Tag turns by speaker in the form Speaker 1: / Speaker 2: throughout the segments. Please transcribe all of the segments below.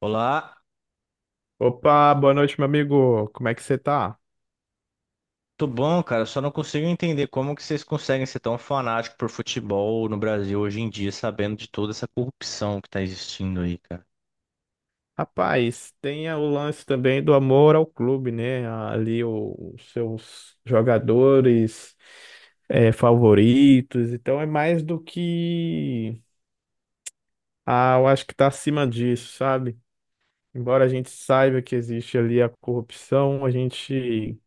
Speaker 1: Olá,
Speaker 2: Opa, boa noite, meu amigo. Como é que você tá?
Speaker 1: tudo bom, cara? Eu Só não consigo entender como que vocês conseguem ser tão fanáticos por futebol no Brasil hoje em dia, sabendo de toda essa corrupção que tá existindo aí, cara.
Speaker 2: Rapaz, tem o lance também do amor ao clube, né? Ali os seus jogadores favoritos. Então é mais do que. Ah, eu acho que tá acima disso, sabe? Embora a gente saiba que existe ali a corrupção, a gente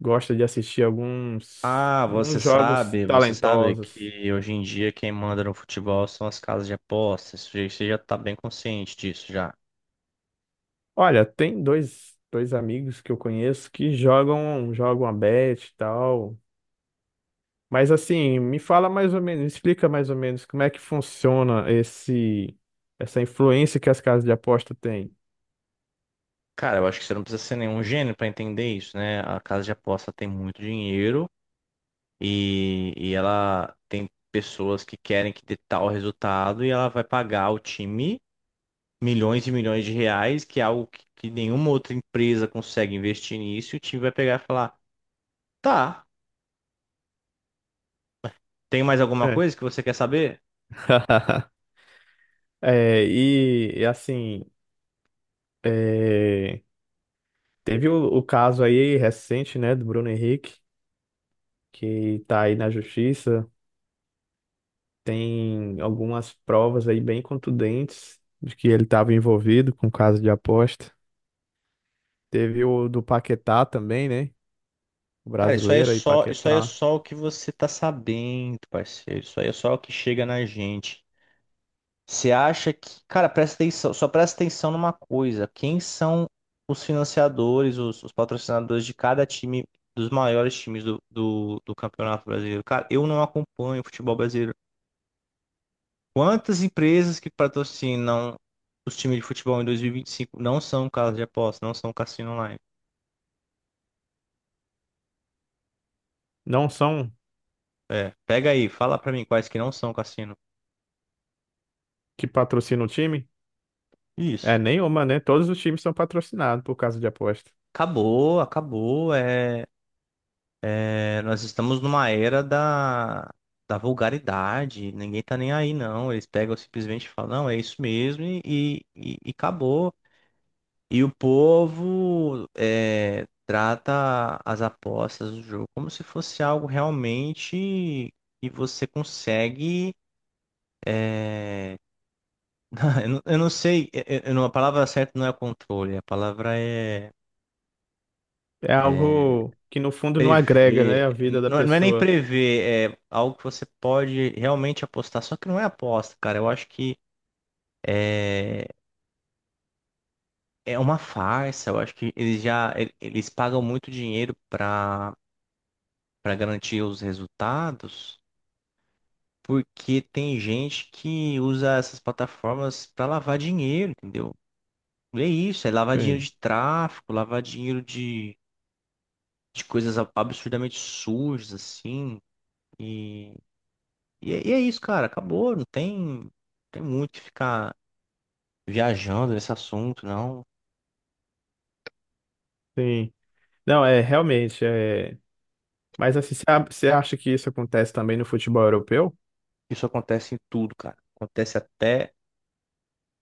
Speaker 2: gosta de assistir
Speaker 1: Ah,
Speaker 2: alguns jogos
Speaker 1: você sabe
Speaker 2: talentosos.
Speaker 1: que hoje em dia quem manda no futebol são as casas de apostas. Você já tá bem consciente disso já.
Speaker 2: Olha, tem dois amigos que eu conheço que jogam a bet e tal. Mas assim, me fala mais ou menos, me explica mais ou menos como é que funciona essa influência que as casas de aposta têm.
Speaker 1: Cara, eu acho que você não precisa ser nenhum gênio pra entender isso, né? A casa de aposta tem muito dinheiro e ela tem pessoas que querem que dê tal resultado e ela vai pagar o time milhões e milhões de reais, que é algo que nenhuma outra empresa consegue investir nisso, e o time vai pegar e falar: tá, tem mais alguma
Speaker 2: É.
Speaker 1: coisa que você quer saber?
Speaker 2: É, e, e, assim, é, Teve o caso aí recente, né, do Bruno Henrique, que tá aí na justiça. Tem algumas provas aí bem contundentes de que ele estava envolvido com caso de aposta. Teve o do Paquetá também, né? O
Speaker 1: Cara,
Speaker 2: brasileiro aí,
Speaker 1: isso aí é
Speaker 2: Paquetá.
Speaker 1: só o que você tá sabendo, parceiro. Isso aí é só o que chega na gente. Você acha que, cara, presta atenção, só presta atenção numa coisa: quem são os financiadores, os patrocinadores de cada time, dos maiores times do Campeonato Brasileiro. Cara, eu não acompanho o futebol brasileiro. Quantas empresas que patrocinam os times de futebol em 2025 não são casas de aposta, não são cassino online?
Speaker 2: Não são
Speaker 1: É, pega aí, fala pra mim quais que não são cassino.
Speaker 2: que patrocinam o time?
Speaker 1: Isso.
Speaker 2: É nenhuma, né? Todos os times são patrocinados por causa de aposta.
Speaker 1: Acabou, acabou. Nós estamos numa era da vulgaridade. Ninguém tá nem aí, não. Eles pegam simplesmente e falam, não, é isso mesmo e acabou. E o povo trata as apostas do jogo como se fosse algo realmente que você consegue é, eu não sei, eu não- a palavra certa não é controle, a palavra é,
Speaker 2: É
Speaker 1: é
Speaker 2: algo que no fundo não agrega, né,
Speaker 1: prever.
Speaker 2: a vida da
Speaker 1: Não, não é nem
Speaker 2: pessoa.
Speaker 1: prever, é algo que você pode realmente apostar, só que não é aposta, cara. Eu acho que é, é uma farsa, eu acho que eles já eles pagam muito dinheiro para garantir os resultados, porque tem gente que usa essas plataformas para lavar dinheiro, entendeu? E é isso, é lavar dinheiro
Speaker 2: Sim,
Speaker 1: de tráfico, lavar dinheiro de coisas absurdamente sujas, assim. E, e é isso, cara, acabou, não tem, tem muito que ficar viajando nesse assunto, não.
Speaker 2: sim. Não, é realmente, é... Mas assim, você você acha que isso acontece também no futebol europeu?
Speaker 1: Isso acontece em tudo, cara. Acontece até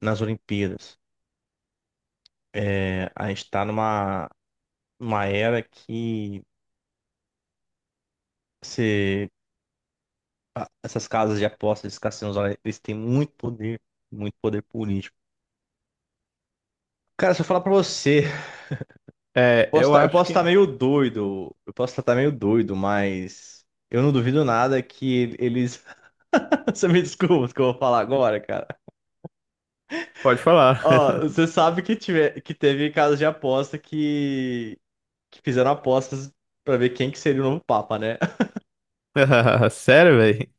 Speaker 1: nas Olimpíadas. É, a gente tá numa era que você essas casas de apostas, esses cassinos, olha, eles têm muito poder político. Cara, se eu falar pra você,
Speaker 2: É, eu
Speaker 1: eu
Speaker 2: acho
Speaker 1: posso estar
Speaker 2: que...
Speaker 1: meio doido, eu posso estar meio doido, mas eu não duvido nada que eles. Você me desculpa o que eu vou falar agora, cara.
Speaker 2: Pode falar.
Speaker 1: Ó, você sabe que teve casos de aposta que fizeram apostas pra ver quem que seria o novo Papa, né?
Speaker 2: Sério, velho?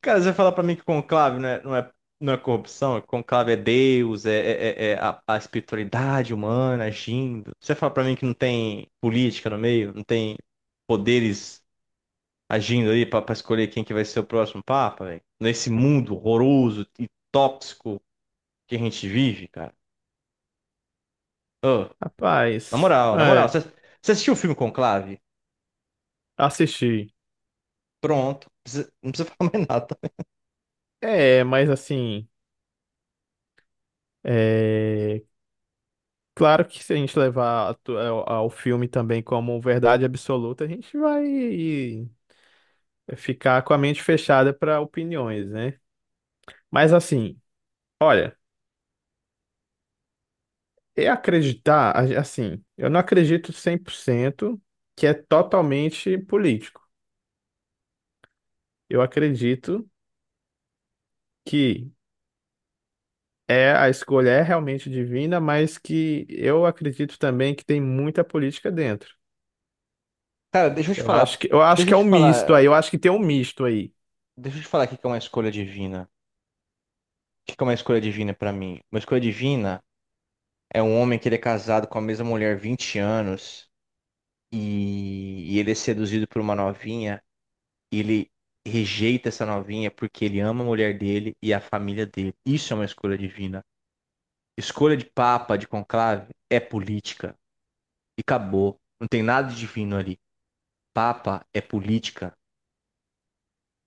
Speaker 1: Cara, você fala pra mim que conclave não é corrupção, que conclave é Deus, é a espiritualidade humana agindo. Você fala pra mim que não tem política no meio, não tem poderes agindo pra escolher quem que vai ser o próximo papa, velho? Nesse mundo horroroso e tóxico que a gente vive, cara. Ô,
Speaker 2: Rapaz,
Speaker 1: na moral, você,
Speaker 2: é,
Speaker 1: você assistiu o filme Conclave?
Speaker 2: assisti.
Speaker 1: Pronto, não precisa falar mais nada.
Speaker 2: É, mas assim, é, claro que se a gente levar ao ao filme também como verdade absoluta, a gente vai ficar com a mente fechada para opiniões, né? Mas assim, olha, é acreditar, assim, eu não acredito 100% que é totalmente político. Eu acredito que é, a escolha é realmente divina, mas que eu acredito também que tem muita política dentro.
Speaker 1: Cara,
Speaker 2: Eu acho
Speaker 1: deixa
Speaker 2: que
Speaker 1: eu
Speaker 2: é
Speaker 1: te
Speaker 2: um misto
Speaker 1: falar,
Speaker 2: aí, eu acho que tem um misto aí.
Speaker 1: deixa eu te falar aqui que é uma escolha divina. Que é uma escolha divina pra mim? Uma escolha divina é um homem que ele é casado com a mesma mulher há 20 anos e ele é seduzido por uma novinha e ele rejeita essa novinha porque ele ama a mulher dele e a família dele. Isso é uma escolha divina. Escolha de papa, de conclave, é política. E acabou. Não tem nada de divino ali. Papa é política.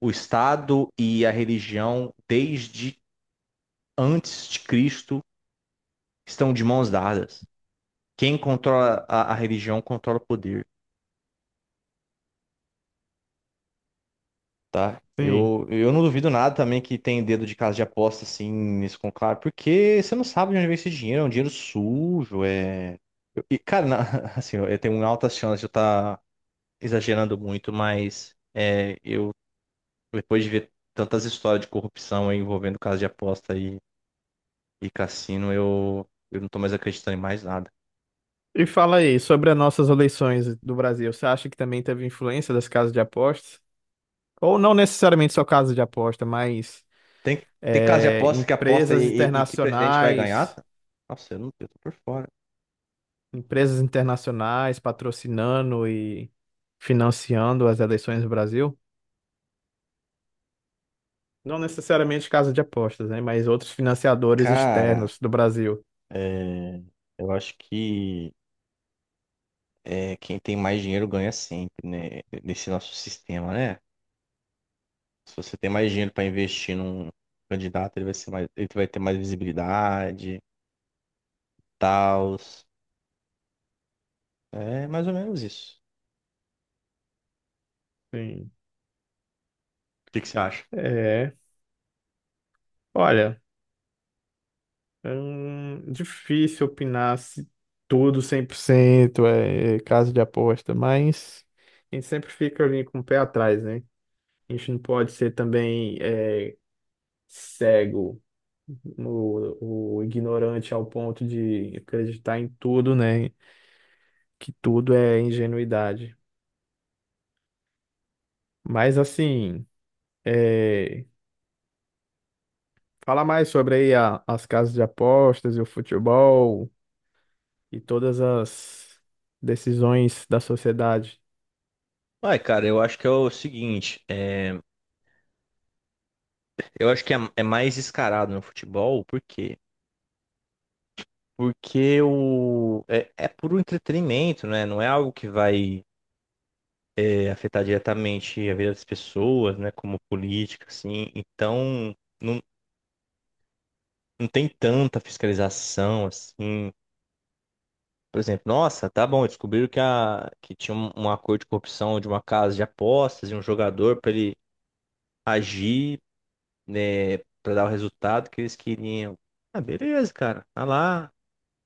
Speaker 1: O Estado e a religião, desde antes de Cristo, estão de mãos dadas. Quem controla a religião controla o poder, tá?
Speaker 2: Sim.
Speaker 1: Eu não duvido nada também que tem dedo de casa de aposta assim nesse conclave, porque você não sabe de onde vem esse dinheiro, é um dinheiro sujo, é. Eu- E, cara, na- assim, eu tenho altas chances de eu estar exagerando muito, mas depois de ver tantas histórias de corrupção aí envolvendo casa de aposta e cassino, eu não tô mais acreditando em mais nada.
Speaker 2: E fala aí, sobre as nossas eleições do Brasil, você acha que também teve influência das casas de apostas? Ou não necessariamente só casas de aposta, mas
Speaker 1: Tem, tem casa de
Speaker 2: é,
Speaker 1: aposta que e que presidente vai ganhar? Nossa, eu não, eu tô por fora.
Speaker 2: empresas internacionais patrocinando e financiando as eleições do Brasil? Não necessariamente casa de apostas, né? Mas outros financiadores
Speaker 1: Cara,
Speaker 2: externos do Brasil.
Speaker 1: é, eu acho que quem tem mais dinheiro ganha sempre, né? Nesse nosso sistema, né? Se você tem mais dinheiro para investir num candidato, ele vai ser mais, ele vai ter mais visibilidade, tal. É mais ou menos isso.
Speaker 2: Sim.
Speaker 1: O que que você acha?
Speaker 2: É. Olha, é difícil opinar se tudo 100% é casa de aposta, mas a gente sempre fica ali com o pé atrás, né? A gente não pode ser também é, cego, o ignorante ao ponto de acreditar em tudo, né? Que tudo é ingenuidade. Mas assim. é Fala mais sobre aí as casas de apostas e o futebol e todas as decisões da sociedade,
Speaker 1: Ué, cara, eu acho que é o seguinte, eu acho que é mais escarado no futebol, por quê? Porque é puro entretenimento, né? Não é algo que vai afetar diretamente a vida das pessoas, né, como política, assim. Então, não, não tem tanta fiscalização, assim. Por exemplo, nossa, tá bom, descobriram que tinha um acordo de corrupção de uma casa de apostas e um jogador para ele agir, né, para dar o resultado que eles queriam. Ah, beleza, cara, tá lá,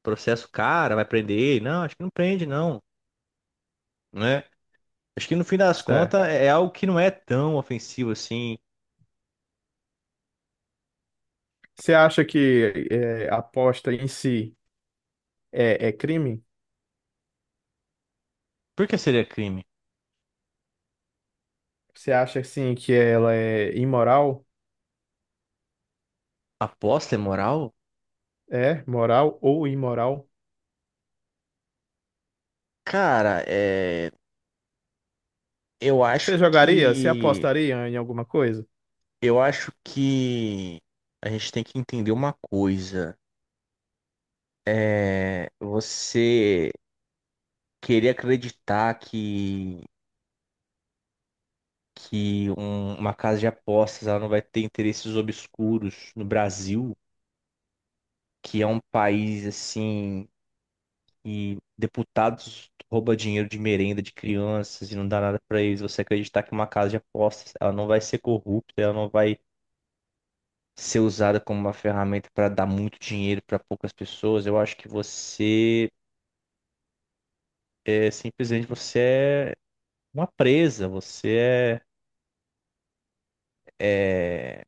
Speaker 1: processo cara, vai prender ele. Não, acho que não prende, não, né? Acho que no fim das contas
Speaker 2: certo?
Speaker 1: é é algo que não é tão ofensivo assim.
Speaker 2: Você acha que a aposta em si é crime?
Speaker 1: Por que seria crime?
Speaker 2: Você acha assim que ela é imoral?
Speaker 1: Aposta é moral?
Speaker 2: É moral ou imoral?
Speaker 1: Cara, eu acho
Speaker 2: Você jogaria? Você
Speaker 1: que
Speaker 2: apostaria em alguma coisa?
Speaker 1: eu acho que a gente tem que entender uma coisa. É, você querer acreditar que uma casa de apostas ela não vai ter interesses obscuros no Brasil, que é um país assim e deputados rouba dinheiro de merenda de crianças e não dá nada pra eles. Você acreditar que uma casa de apostas ela não vai ser corrupta, ela não vai ser usada como uma ferramenta para dar muito dinheiro para poucas pessoas, eu acho que você é simplesmente você é, uma presa, você é, é-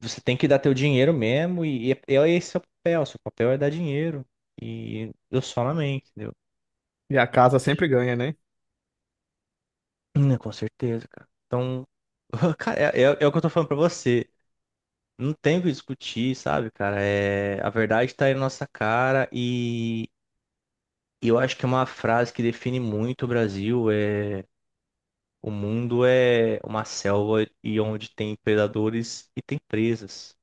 Speaker 1: você tem que dar teu dinheiro mesmo e é esse é o papel, seu papel é dar dinheiro e eu só amém, entendeu?
Speaker 2: E a casa sempre ganha, né?
Speaker 1: Com certeza, cara. Então, cara, é o que eu tô falando pra você. Não tem o que discutir, sabe, cara? É, a verdade tá aí na nossa cara e eu acho que é uma frase que define muito o Brasil. É, o mundo é uma selva e onde tem predadores e tem presas.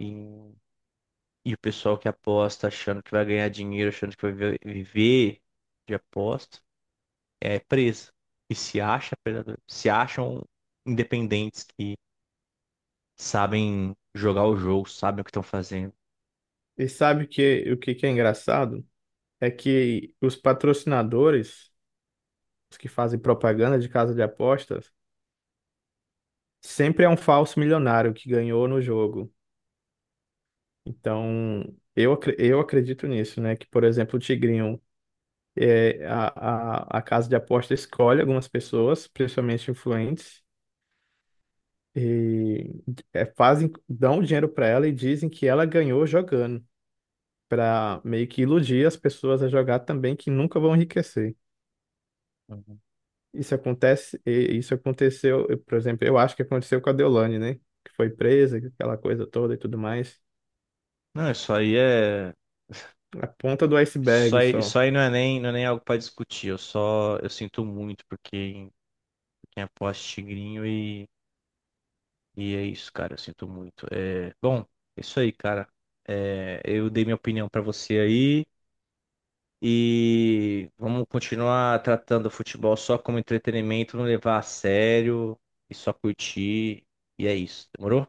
Speaker 1: E, e o pessoal que aposta achando que vai ganhar dinheiro, achando que viver de aposta, é presa. E se acha predador, se acham independentes que sabem jogar o jogo, sabem o que estão fazendo.
Speaker 2: E sabe o que que é engraçado? É que os patrocinadores, os que fazem propaganda de casa de apostas, sempre é um falso milionário que ganhou no jogo. Então, eu acredito nisso, né? Que, por exemplo, o Tigrinho, é, a, a casa de aposta escolhe algumas pessoas, principalmente influentes, e é, fazem, dão o dinheiro para ela e dizem que ela ganhou jogando, para meio que iludir as pessoas a jogar também, que nunca vão enriquecer.
Speaker 1: Uhum.
Speaker 2: Isso acontece, e isso aconteceu, eu, por exemplo, eu acho que aconteceu com a Deolane, né? Que foi presa, aquela coisa toda e tudo mais.
Speaker 1: Não, isso aí é.
Speaker 2: A ponta do iceberg
Speaker 1: Isso
Speaker 2: só.
Speaker 1: aí não é nem, não é nem algo para discutir. Eu sinto muito porque quem aposta em tigrinho e E é isso, cara. Eu sinto muito. É, bom, é isso aí, cara. É, eu dei minha opinião pra você aí. E vamos continuar tratando o futebol só como entretenimento, não levar a sério e só curtir. E é isso, demorou?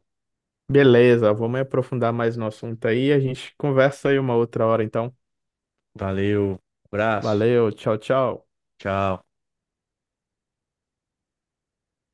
Speaker 2: Beleza, vamos aprofundar mais no assunto aí. A gente conversa aí uma outra hora, então.
Speaker 1: Valeu, abraço,
Speaker 2: Valeu, tchau, tchau.
Speaker 1: tchau.